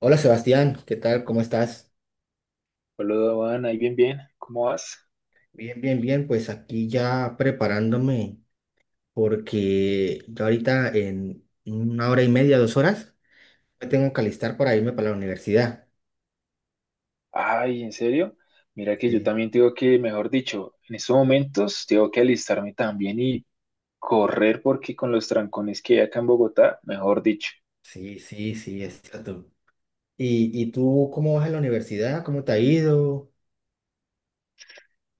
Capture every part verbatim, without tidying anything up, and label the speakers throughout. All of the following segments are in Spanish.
Speaker 1: Hola Sebastián, ¿qué tal? ¿Cómo estás?
Speaker 2: Hola, Juan, ahí bien, bien. ¿Cómo vas?
Speaker 1: Bien, bien, bien. Pues aquí ya preparándome porque yo ahorita en una hora y media, dos horas, me tengo que alistar para irme para la universidad.
Speaker 2: Ay, ¿en serio? Mira que yo
Speaker 1: Sí,
Speaker 2: también tengo que, mejor dicho, en estos momentos tengo que alistarme también y correr porque con los trancones que hay acá en Bogotá, mejor dicho.
Speaker 1: sí, sí, sí, exacto. ¿Y, y tú cómo vas a la universidad? ¿Cómo te ha ido?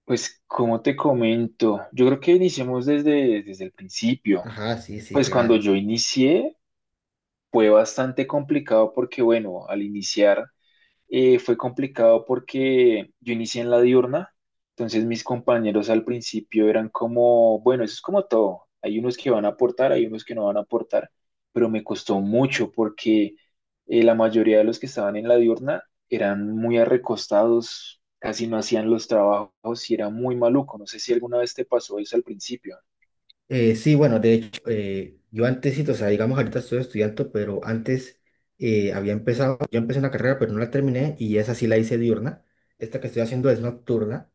Speaker 2: Pues, ¿cómo te comento? Yo creo que iniciemos desde, desde el principio.
Speaker 1: Ajá, sí, sí,
Speaker 2: Pues cuando
Speaker 1: claro.
Speaker 2: yo inicié fue bastante complicado porque, bueno, al iniciar eh, fue complicado porque yo inicié en la diurna, entonces mis compañeros al principio eran como, bueno, eso es como todo, hay unos que van a aportar, hay unos que no van a aportar, pero me costó mucho porque eh, la mayoría de los que estaban en la diurna eran muy arrecostados, casi no hacían los trabajos y era muy maluco, no sé si alguna vez te pasó eso al principio.
Speaker 1: Eh, sí, bueno, de hecho, eh, yo antes, sí, o sea, digamos, ahorita estoy estudiando, pero antes eh, había empezado, yo empecé una carrera, pero no la terminé y esa sí la hice diurna. Esta que estoy haciendo es nocturna.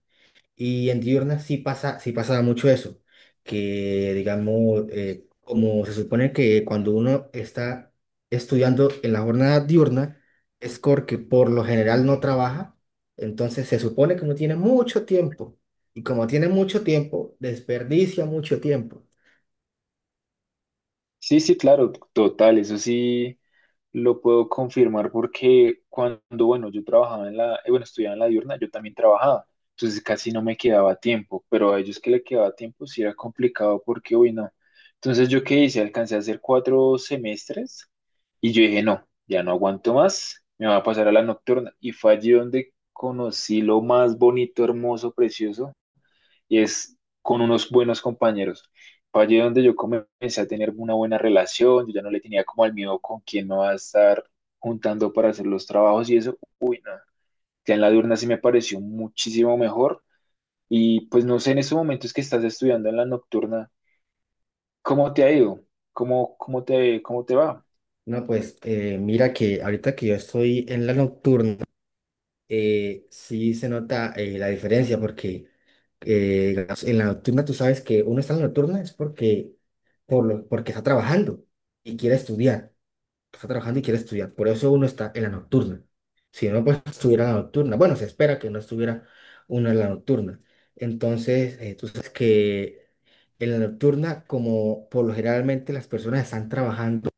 Speaker 1: Y en diurna sí pasa, sí pasaba mucho eso, que digamos, eh, como se supone que cuando uno está estudiando en la jornada diurna, es porque por lo general no trabaja, entonces se supone que uno tiene mucho tiempo, y como tiene mucho tiempo, desperdicia mucho tiempo.
Speaker 2: Sí, sí, claro, total, eso sí. Lo puedo confirmar porque cuando, bueno, yo trabajaba en la, eh, bueno, estudiaba en la diurna, yo también trabajaba, entonces casi no me quedaba tiempo, pero a ellos que le quedaba tiempo sí era complicado porque uy no. Entonces yo qué hice, alcancé a hacer cuatro semestres y yo dije, no, ya no aguanto más, me voy a pasar a la nocturna. Y fue allí donde conocí lo más bonito, hermoso, precioso, y es con unos buenos compañeros. Fue allí donde yo comencé a tener una buena relación, yo ya no le tenía como al miedo con quién me va a estar juntando para hacer los trabajos y eso. Ya en la diurna sí me pareció muchísimo mejor y pues no sé, en estos momentos que estás estudiando en la nocturna, ¿cómo te ha ido? ¿Cómo, cómo te, cómo te va?
Speaker 1: No, pues eh, mira que ahorita que yo estoy en la nocturna, eh, sí se nota eh, la diferencia porque eh, digamos, en la nocturna tú sabes que uno está en la nocturna es porque, por lo- porque está trabajando y quiere estudiar, está trabajando y quiere estudiar, por eso uno está en la nocturna. Si no, pues estuviera en la nocturna, bueno, se espera que no estuviera uno en la nocturna. Entonces, eh, tú sabes que en la nocturna, como por lo generalmente las personas están trabajando,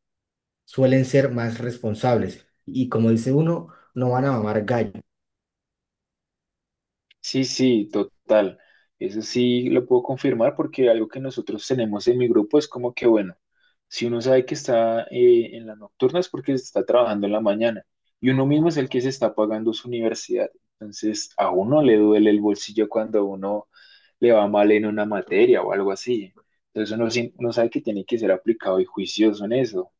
Speaker 1: suelen ser más responsables y como dice uno, no van a mamar gallo.
Speaker 2: Sí, sí, total. Eso sí lo puedo confirmar porque algo que nosotros tenemos en mi grupo es como que, bueno, si uno sabe que está eh, en las nocturnas es porque está trabajando en la mañana y uno mismo es el que se está pagando su universidad. Entonces, a uno le duele el bolsillo cuando a uno le va mal en una materia o algo así. Entonces, uno, sí- uno sabe que tiene que ser aplicado y juicioso en eso.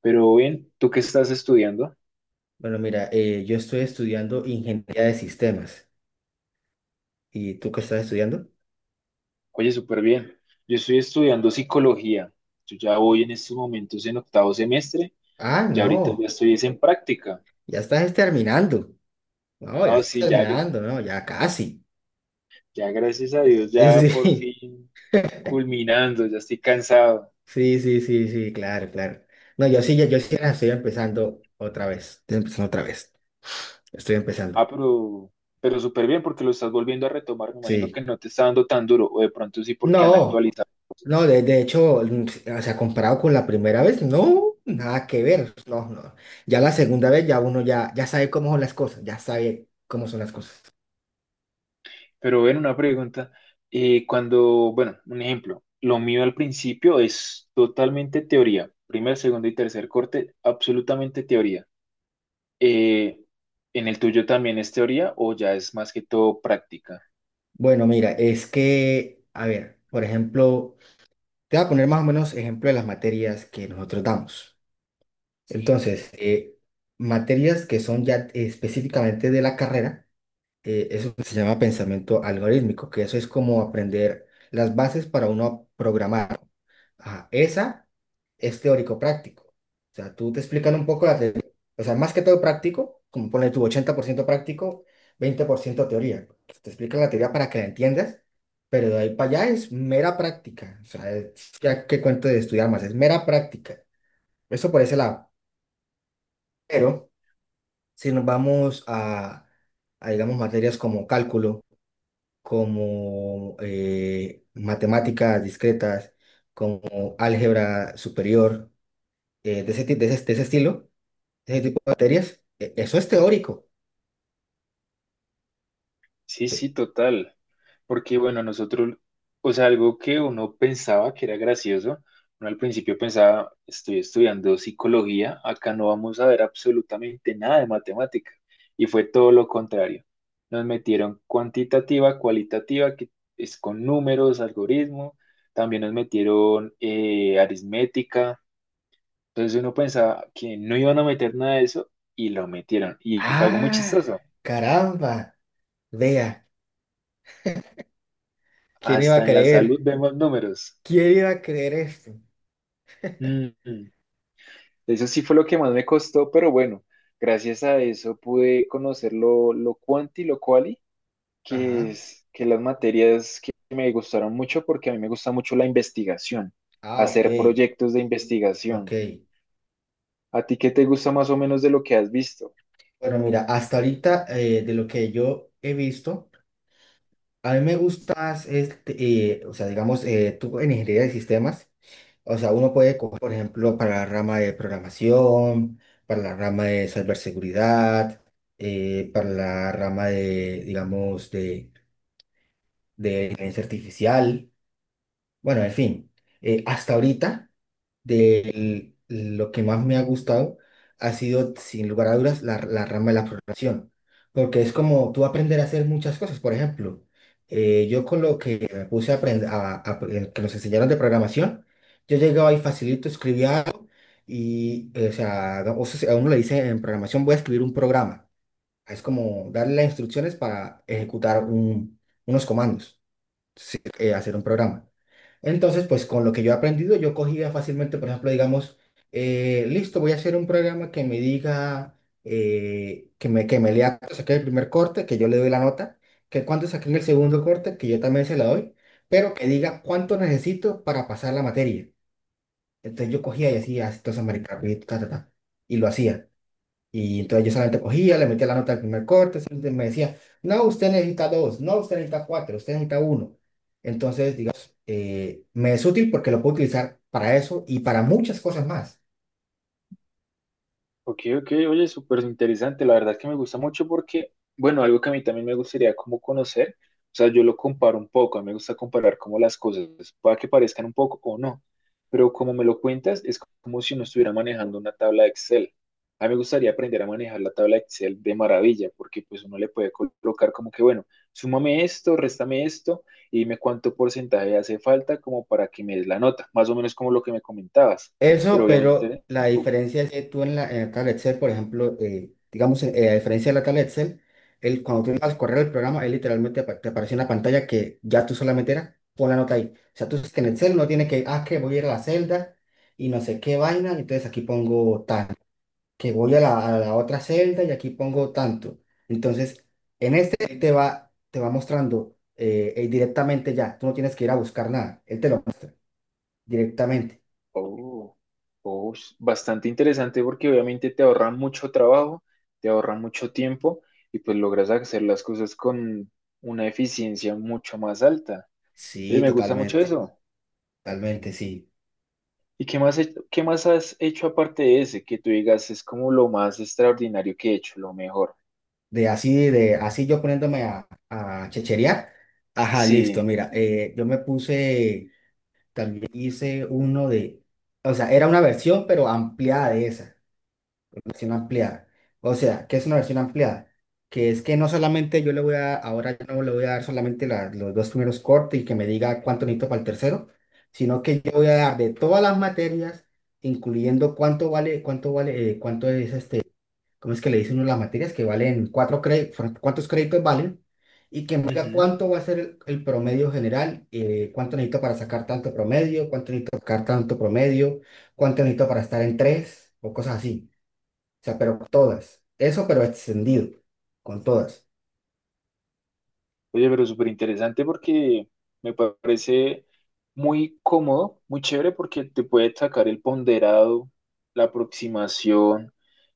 Speaker 2: Pero bien, ¿tú qué estás estudiando?
Speaker 1: Bueno, mira, eh, yo estoy estudiando ingeniería de sistemas. ¿Y tú qué estás estudiando?
Speaker 2: Oye, súper bien. Yo estoy estudiando psicología. Yo ya voy en estos momentos en octavo semestre.
Speaker 1: Ah,
Speaker 2: Ya ahorita ya
Speaker 1: no,
Speaker 2: estoy es en práctica.
Speaker 1: ya estás terminando. No, ya
Speaker 2: No,
Speaker 1: estás
Speaker 2: sí, ya, gra-
Speaker 1: terminando, no, ya casi.
Speaker 2: ya gracias a Dios,
Speaker 1: Eh,
Speaker 2: ya por
Speaker 1: Sí,
Speaker 2: fin culminando, ya estoy cansado.
Speaker 1: sí, sí, sí, sí, claro, claro. No, yo sí, yo, yo sí apenas estoy empezando otra vez. Estoy empezando otra vez. Estoy empezando.
Speaker 2: Ah, pero, pero súper bien porque lo estás volviendo a retomar. Me imagino que
Speaker 1: Sí.
Speaker 2: no te está dando tan duro, o de pronto sí porque han
Speaker 1: No,
Speaker 2: actualizado
Speaker 1: no,
Speaker 2: cosas.
Speaker 1: de, de hecho, mm, o sea, comparado con la primera vez, no, nada que ver. No, no. Ya la segunda vez ya uno ya, ya sabe cómo son las cosas, ya sabe cómo son las cosas.
Speaker 2: Pero ven una pregunta, eh, cuando, bueno, un ejemplo, lo mío al principio es totalmente teoría, primer, segundo y tercer corte, absolutamente teoría. Eh, ¿en el tuyo también es teoría o ya es más que todo práctica?
Speaker 1: Bueno, mira, es que, a ver, por ejemplo, te voy a poner más o menos ejemplo de las materias que nosotros damos. Sí, entonces, eh, materias que son ya específicamente de la carrera eh, eso se llama pensamiento algorítmico, que eso es como aprender las bases para uno programar. Ajá, esa es teórico-práctico. O sea, tú te explican un poco la teoría. O sea, más que todo práctico, como pone tu ochenta por ciento práctico, veinte por ciento teoría. Te explican la teoría para que la entiendas, pero de ahí para allá es mera práctica. O sea, es- ya que cuento de estudiar más, es mera práctica. Eso por ese lado. Pero si nos vamos a, a digamos, materias como cálculo, como eh, matemáticas discretas, como álgebra superior, eh, de ese, ti- de ese- de ese estilo, de ese tipo de materias, e- eso es teórico.
Speaker 2: Sí,
Speaker 1: Tú-
Speaker 2: sí, total. Porque bueno, nosotros, o sea, algo que uno pensaba que era gracioso, uno al principio pensaba, estoy estudiando psicología, acá no vamos a ver absolutamente nada de matemática. Y fue todo lo contrario. Nos metieron cuantitativa, cualitativa, que es con números, algoritmo. También nos metieron eh, aritmética. Entonces uno pensaba que no iban a meter nada de eso y lo metieron. Y fue algo muy
Speaker 1: Ah,
Speaker 2: chistoso.
Speaker 1: caramba, vea, ¿quién iba a
Speaker 2: Hasta en la salud
Speaker 1: creer?
Speaker 2: vemos números.
Speaker 1: ¿Quién iba a creer esto?
Speaker 2: Mm, eso sí fue lo que más me costó, pero bueno, gracias a eso pude conocer lo, lo cuanti y lo quali, que
Speaker 1: Ajá,
Speaker 2: es que las materias que me gustaron mucho porque a mí me gusta mucho la investigación,
Speaker 1: ah, ok,
Speaker 2: hacer proyectos de
Speaker 1: ok.
Speaker 2: investigación. ¿A ti qué te gusta más o menos de lo que has visto?
Speaker 1: Bueno, mira, hasta ahorita eh, de lo que yo he visto, a mí me gusta más, este, eh, o sea, digamos, eh, tú en ingeniería de sistemas, o sea, uno puede coger, por ejemplo, para la rama de programación, para la rama de ciberseguridad, eh, para la rama de, digamos, de, de inteligencia artificial. Bueno, en fin, eh, hasta ahorita, de lo que más me ha gustado ha sido, sin lugar a dudas, la, la rama de la programación, porque es como tú aprender a hacer muchas cosas. Por ejemplo, eh, yo con lo que me puse a aprender, a, a- eh, que nos enseñaron de programación, yo llegaba y facilito, escribía algo y, eh, o sea, no, o sea, a uno le dice en programación voy a escribir un programa. Es como darle las instrucciones para ejecutar un- unos comandos sí, eh, hacer un programa. Entonces, pues con lo que yo he aprendido, yo cogía fácilmente, por ejemplo, digamos, eh, listo, voy a hacer un programa que me diga, eh, que me, que me lea cuando saqué el primer corte, que yo le doy la nota, que cuando saqué el segundo corte, que yo también se la doy, pero que diga cuánto necesito para pasar la materia. Entonces yo cogía y hacía, entonces, marica, y ta, ta, ta, y lo hacía. Y entonces yo solamente cogía, le metía la nota al primer corte, siempre me decía, no, usted necesita dos, no, usted necesita cuatro, usted necesita uno. Entonces, digamos, eh, me es útil porque lo puedo utilizar para eso y para muchas cosas más.
Speaker 2: Ok, ok, oye, súper interesante. La verdad es que me gusta mucho porque, bueno, algo que a mí también me gustaría como conocer, o sea, yo lo comparo un poco, a mí me gusta comparar como las cosas, pueda que parezcan un poco o no, pero como me lo cuentas, es como si uno estuviera manejando una tabla de Excel. A mí me gustaría aprender a manejar la tabla de Excel de maravilla, porque pues uno le puede colocar como que, bueno, súmame esto, réstame esto, y dime cuánto porcentaje hace falta como para que me des la nota, más o menos como lo que me comentabas,
Speaker 1: Eso,
Speaker 2: pero
Speaker 1: pero
Speaker 2: obviamente...
Speaker 1: la diferencia es que tú en la, en la tabla Excel, por ejemplo, eh, digamos, eh, a diferencia de la tabla Excel, el, cuando tú vas a correr el programa, él literalmente apa- te aparece una pantalla que ya tú solamente era, pon la nota ahí. O sea, tú sabes que en Excel no tiene que, ah, que voy a ir a la celda y no sé qué vaina, entonces aquí pongo tal. Que voy a la, a la otra celda y aquí pongo tanto. Entonces, en este él te va, te va mostrando eh, eh, directamente ya. Tú no tienes que ir a buscar nada. Él te lo muestra directamente.
Speaker 2: Oh, oh, s- bastante interesante porque obviamente te ahorra mucho trabajo, te ahorra mucho tiempo y pues logras hacer las cosas con una eficiencia mucho más alta. Oye,
Speaker 1: Sí,
Speaker 2: me gusta mucho
Speaker 1: totalmente.
Speaker 2: eso.
Speaker 1: Totalmente, sí.
Speaker 2: ¿Y qué más, he- qué más has hecho aparte de ese que tú digas es como lo más extraordinario que he hecho, lo mejor?
Speaker 1: De así, de así yo poniéndome a, a checherear. Ajá,
Speaker 2: Sí.
Speaker 1: listo. Mira, eh, yo me puse, también hice uno de, o sea, era una versión, pero ampliada de esa. Versión ampliada. O sea, ¿qué es una versión ampliada? Que es que no solamente yo le voy a, ahora yo no le voy a dar solamente la- los dos primeros cortes y que me diga cuánto necesito para el tercero, sino que yo voy a dar de todas las materias, incluyendo cuánto vale, cuánto vale, eh, cuánto es este, ¿cómo es que le dicen uno las materias? Que valen cuatro créditos, cuántos créditos valen, y que me diga cuánto va a ser el, el promedio general, eh, cuánto necesito para sacar tanto promedio, cuánto necesito para sacar tanto promedio, cuánto necesito para estar en tres, o cosas así. O sea, pero todas. Eso, pero extendido, con todas.
Speaker 2: Oye, pero súper interesante porque me parece muy cómodo, muy chévere porque te puede sacar el ponderado, la aproximación,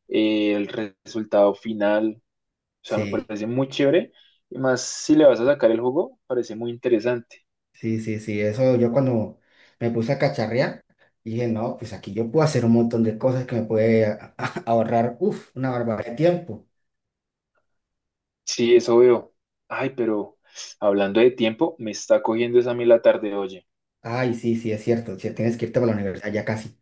Speaker 2: eh, el re- resultado final. O sea, me
Speaker 1: Sí,
Speaker 2: parece muy chévere. Y más si le vas a sacar el juego, parece muy interesante.
Speaker 1: sí, sí, sí. Eso yo cuando me puse a cacharrear, dije, no, pues aquí yo puedo hacer un montón de cosas que me puede a- a- ahorrar, uf, una barbaridad de tiempo.
Speaker 2: Sí, eso veo. Ay, pero hablando de tiempo, me está cogiendo esa a mí la tarde, oye.
Speaker 1: Ay, sí, sí, es cierto. Si tienes que irte para la universidad ya casi.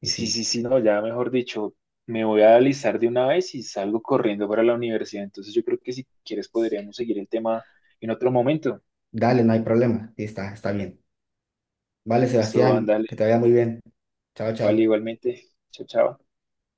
Speaker 1: Y
Speaker 2: Sí,
Speaker 1: sí,
Speaker 2: sí, sí, no, ya mejor dicho, me voy a alistar de una vez y salgo corriendo para la universidad. Entonces yo creo que si quieres podríamos seguir el tema en otro momento.
Speaker 1: dale, no hay problema. Sí, está, está bien. Vale,
Speaker 2: Listo,
Speaker 1: Sebastián,
Speaker 2: ándale,
Speaker 1: que te vaya muy bien. Chao,
Speaker 2: vale,
Speaker 1: chao.
Speaker 2: igualmente. Chao, chao.